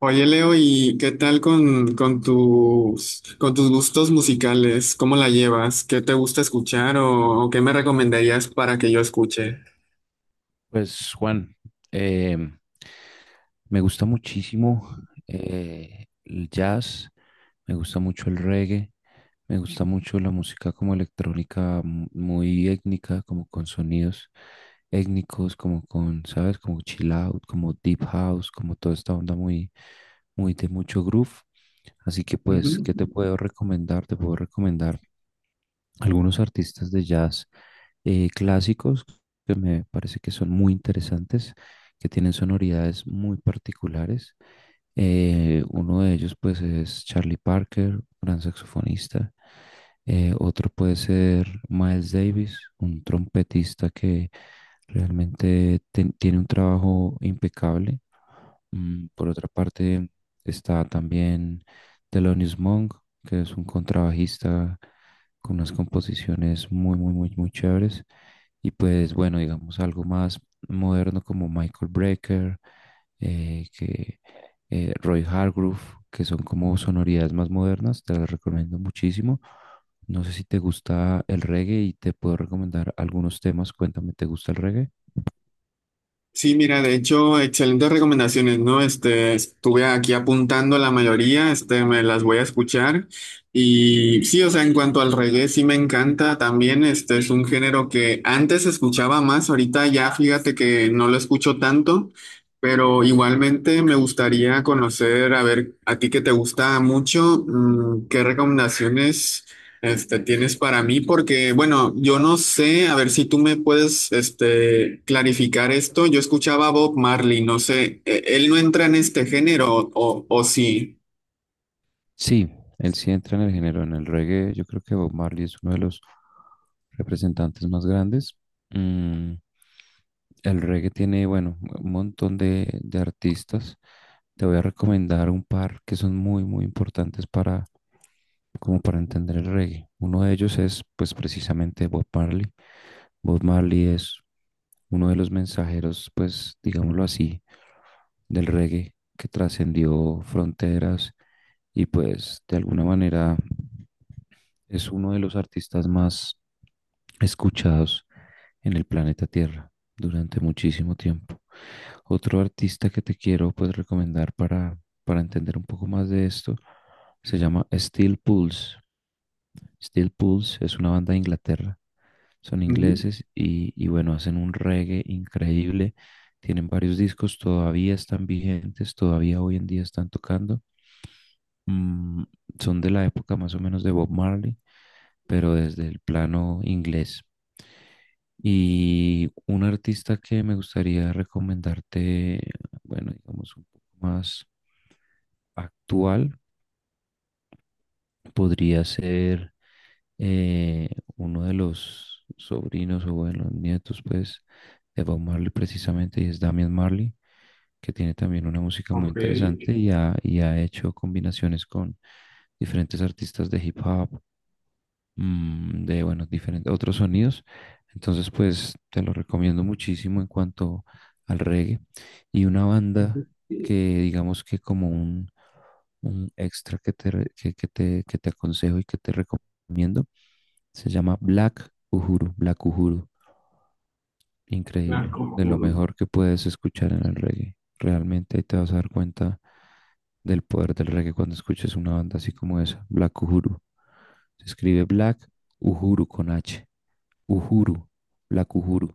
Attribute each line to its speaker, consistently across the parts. Speaker 1: Oye, Leo, ¿y qué tal con tus gustos musicales? ¿Cómo la llevas? ¿Qué te gusta escuchar o qué me recomendarías para que yo escuche?
Speaker 2: Pues Juan, eh, me gusta muchísimo el jazz, me gusta mucho el reggae, me gusta mucho la música como electrónica muy étnica, como con sonidos étnicos, como con, ¿sabes? Como chill out, como deep house, como toda esta onda muy, muy de mucho groove. Así que pues,
Speaker 1: Ujú.
Speaker 2: ¿qué te puedo recomendar? Te puedo recomendar algunos artistas de jazz clásicos que me parece que son muy interesantes, que tienen sonoridades muy particulares. Uno de ellos pues es Charlie Parker, gran saxofonista. Otro puede ser Miles Davis, un trompetista que realmente tiene un trabajo impecable. Mm, por otra parte, está también Thelonious Monk, que es un contrabajista con unas composiciones muy, muy, muy, muy chéveres. Y pues bueno, digamos algo más moderno como Michael Brecker, eh, que, Roy Hargrove, que son como sonoridades más modernas, te las recomiendo muchísimo. No sé si te gusta el reggae y te puedo recomendar algunos temas. Cuéntame, ¿te gusta el reggae?
Speaker 1: Sí, mira, de hecho, excelentes recomendaciones, ¿no? Este, estuve aquí apuntando la mayoría, este, me las voy a escuchar. Y sí, o sea, en cuanto al reggae, sí me encanta también, este, es un género que antes escuchaba más, ahorita ya fíjate que no lo escucho tanto, pero igualmente me gustaría conocer, a ver, a ti que te gusta mucho, ¿qué recomendaciones? Este, tienes para mí porque, bueno, yo no sé, a ver si tú me puedes, este, clarificar esto. Yo escuchaba a Bob Marley, no sé, ¿él no entra en este género o sí?
Speaker 2: Sí, él sí entra en el género, en el reggae. Yo creo que Bob Marley es uno de los representantes más grandes. Mm, el reggae tiene, bueno, un montón de artistas. Te voy a recomendar un par que son muy, muy importantes para, como para entender el reggae. Uno de ellos es, pues, precisamente Bob Marley. Bob Marley es uno de los mensajeros, pues, digámoslo así, del reggae que trascendió fronteras y, pues, de alguna manera es uno de los artistas más escuchados en el planeta Tierra durante muchísimo tiempo. Otro artista que te quiero pues recomendar para entender un poco más de esto se llama Steel Pulse. Steel Pulse es una banda de Inglaterra. Son
Speaker 1: Ujú.
Speaker 2: ingleses y bueno, hacen un reggae increíble. Tienen varios discos, todavía están vigentes, todavía hoy en día están tocando. Mm, son de la época más o menos de Bob Marley, pero desde el plano inglés. Y un artista que me gustaría recomendarte, bueno, digamos un poco más actual, podría ser eh, uno de los sobrinos o bueno, nietos, pues, de Bob Marley precisamente, y es Damian Marley, que tiene también una música muy
Speaker 1: Ok.
Speaker 2: interesante y ha hecho combinaciones con diferentes artistas de hip hop, mm, de, bueno, diferentes otros sonidos. Entonces, pues te lo recomiendo muchísimo en cuanto al reggae. Y una banda que digamos que como un extra que te aconsejo y que te recomiendo, se llama Black Uhuru, Black Uhuru.
Speaker 1: Black
Speaker 2: Increíble, de lo
Speaker 1: Uhuru.
Speaker 2: mejor que puedes escuchar en el reggae. Realmente ahí te vas a dar cuenta del poder del reggae cuando escuches una banda así como esa, Black Uhuru. Se escribe Black Uhuru con H. Uhuru, Black Uhuru.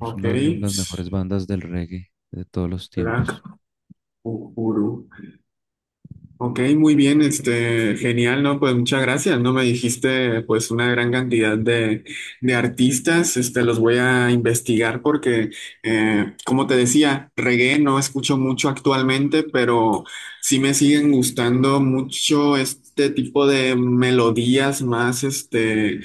Speaker 2: Es
Speaker 1: Ok,
Speaker 2: una de las mejores bandas del reggae de todos los
Speaker 1: Black
Speaker 2: tiempos.
Speaker 1: Uhuru. Ok, muy bien, este, genial, ¿no? Pues muchas gracias, ¿no? Me dijiste pues una gran cantidad de artistas, este, los voy a investigar porque, como te decía, reggae no escucho mucho actualmente, pero sí me siguen gustando mucho este tipo de melodías más, este,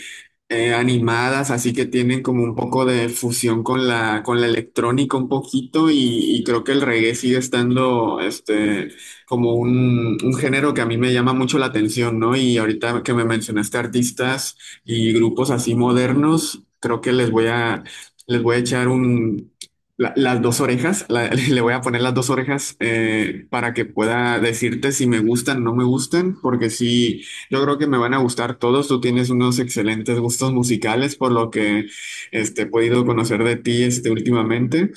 Speaker 1: animadas, así que tienen como un poco de fusión con la, electrónica un poquito y creo que el reggae sigue estando, este, como un género que a mí me llama mucho la atención, ¿no? Y ahorita que me mencionaste artistas y grupos así modernos, creo que les voy a echar las dos orejas, le voy a poner las dos orejas, para que pueda decirte si me gustan o no me gustan, porque sí, yo creo que me van a gustar todos. Tú tienes unos excelentes gustos musicales, por lo que, este, he podido conocer de ti, este, últimamente.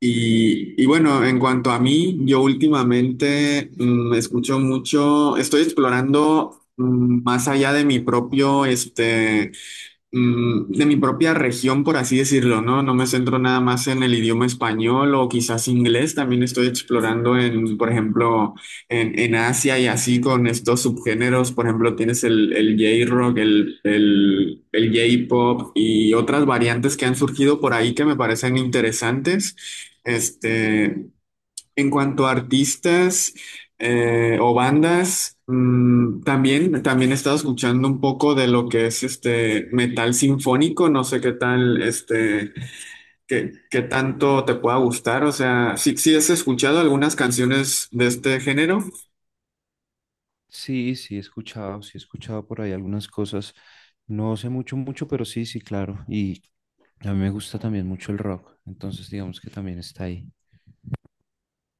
Speaker 1: Y bueno, en cuanto a mí, yo últimamente, escucho mucho, estoy explorando, más allá de mi propio, este, de mi propia región, por así decirlo, ¿no? No me centro nada más en el idioma español o quizás inglés, también estoy explorando en, por ejemplo, en Asia y así con estos subgéneros, por ejemplo, tienes el, el, J-rock, el J-pop y otras variantes que han surgido por ahí que me parecen interesantes. Este, en cuanto a artistas, o bandas, también he estado escuchando un poco de lo que es este metal sinfónico. No sé qué tal, este, qué tanto te pueda gustar. O sea, sí, sí has escuchado algunas canciones de este género.
Speaker 2: Sí, sí, he escuchado por ahí algunas cosas. No sé mucho, mucho, pero sí, sí, claro. Y a mí me gusta también mucho el rock, entonces digamos que también está ahí.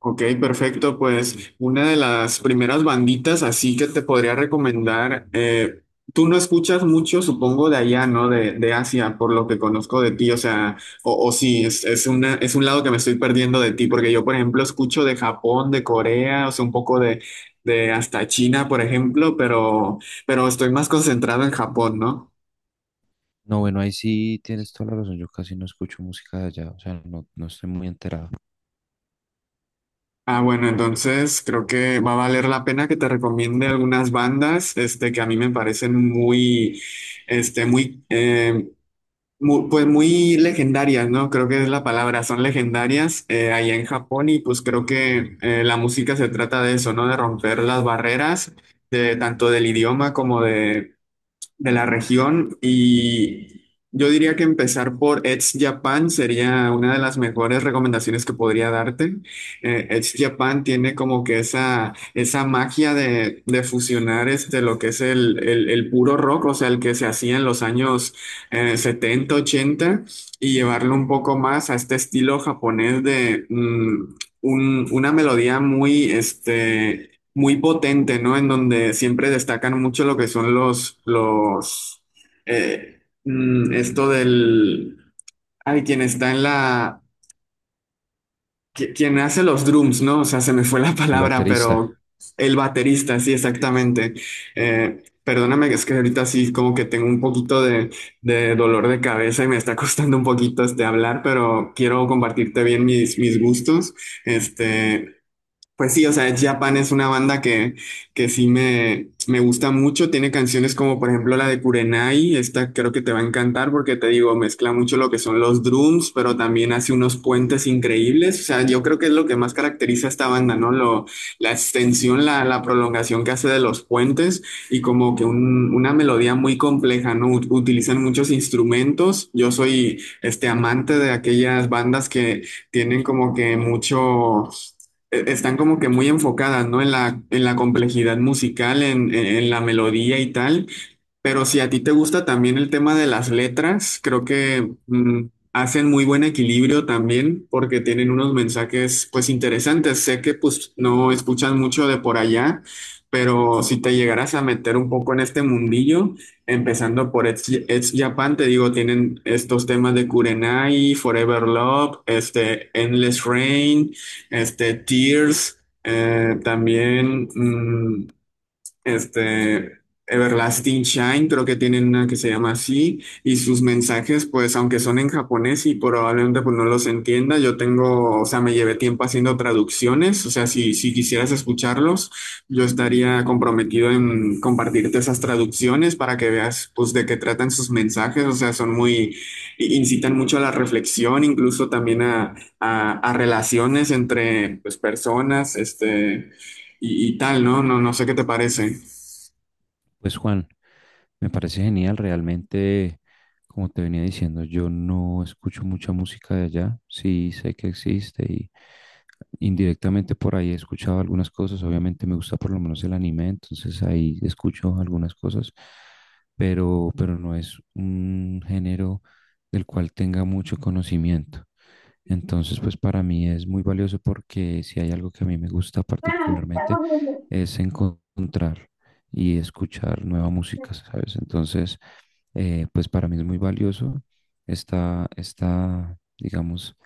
Speaker 1: Ok, perfecto. Pues una de las primeras banditas así que te podría recomendar, tú no escuchas mucho, supongo, de allá, ¿no? De Asia, por lo que conozco de ti, o sea, o sí, es un lado que me estoy perdiendo de ti, porque yo, por ejemplo, escucho de Japón, de Corea, o sea, un poco de hasta China, por ejemplo, pero estoy más concentrado en Japón, ¿no?
Speaker 2: No, bueno, ahí sí tienes toda la razón. Yo casi no escucho música de allá, o sea, no, no estoy muy enterado.
Speaker 1: Ah, bueno, entonces creo que va a valer la pena que te recomiende algunas bandas, este, que a mí me parecen muy, este, muy, pues muy legendarias, ¿no? Creo que es la palabra, son legendarias, allá en Japón, y pues creo que, la música se trata de eso, ¿no? De romper las barreras, de tanto del idioma como de la región, y yo diría que empezar por Edge Japan sería una de las mejores recomendaciones que podría darte. Edge Japan tiene como que esa magia de fusionar, este, lo que es el, el puro rock, o sea, el que se hacía en los años, 70, 80, y llevarlo un poco más a este estilo japonés de una melodía muy, este, muy potente, ¿no? En donde siempre destacan mucho lo que son los, los, esto del, ay, quien está en la, quien hace los drums, ¿no? O sea, se me fue la
Speaker 2: El
Speaker 1: palabra, pero
Speaker 2: baterista.
Speaker 1: el baterista, sí, exactamente. Perdóname, es que ahorita sí como que tengo un poquito de, dolor de cabeza y me está costando un poquito este hablar, pero quiero compartirte bien mis, gustos. Este, pues sí, o sea, Ed Japan es una banda que, sí me gusta mucho. Tiene canciones como, por ejemplo, la de Kurenai. Esta creo que te va a encantar porque te digo, mezcla mucho lo que son los drums, pero también hace unos puentes increíbles. O sea, yo creo que es lo que más caracteriza a esta banda, ¿no? La extensión, la prolongación que hace de los puentes, y como que una melodía muy compleja, ¿no? Utilizan muchos instrumentos. Yo soy este amante de aquellas bandas que tienen como que mucho, están como que muy enfocadas, ¿no? en la complejidad musical, en, en la melodía y tal, pero si a ti te gusta también el tema de las letras, creo que, hacen muy buen equilibrio también porque tienen unos mensajes pues interesantes. Sé que pues no escuchas mucho de por allá, pero si te llegaras a meter un poco en este mundillo, empezando por Edge Japan, te digo, tienen estos temas de Kurenai, Forever Love, este, Endless Rain, este, Tears, también, este, Everlasting Shine, creo que tienen una que se llama así, y sus mensajes, pues aunque son en japonés y probablemente pues no los entienda, yo tengo, o sea, me llevé tiempo haciendo traducciones, o sea, si quisieras escucharlos, yo estaría comprometido en compartirte esas traducciones para que veas pues de qué tratan sus mensajes, o sea, son muy, incitan mucho a la reflexión, incluso también a, a relaciones entre pues personas, este, y tal, ¿no? No, no sé qué te parece.
Speaker 2: Pues Juan, me parece genial, realmente, como te venía diciendo, yo no escucho mucha música de allá, sí sé que existe y indirectamente por ahí he escuchado algunas cosas, obviamente me gusta por lo menos el anime, entonces ahí escucho algunas cosas, pero no es un género del cual tenga mucho conocimiento. Entonces, pues para mí es muy valioso porque si hay algo que a mí me gusta particularmente es encontrar y escuchar nueva música, ¿sabes? Entonces, pues para mí es muy valioso digamos,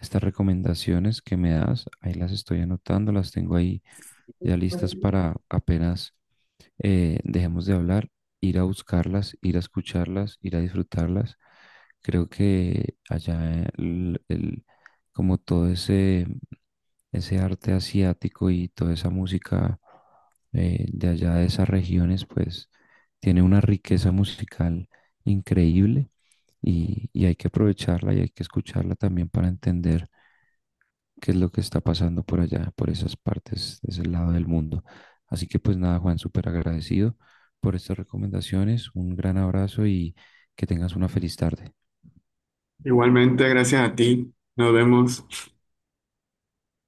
Speaker 2: estas recomendaciones que me das. Ahí las estoy anotando, las tengo ahí ya listas para apenas dejemos de hablar, ir a buscarlas, ir a escucharlas, ir a disfrutarlas. Creo que allá como todo ese, ese arte asiático y toda esa música de allá de esas regiones, pues tiene una riqueza musical increíble y hay que aprovecharla y hay que escucharla también para entender qué es lo que está pasando por allá, por esas partes, de ese lado del mundo. Así que pues nada, Juan, súper agradecido por estas recomendaciones. Un gran abrazo y que tengas una feliz tarde.
Speaker 1: Igualmente, gracias a ti. Nos vemos.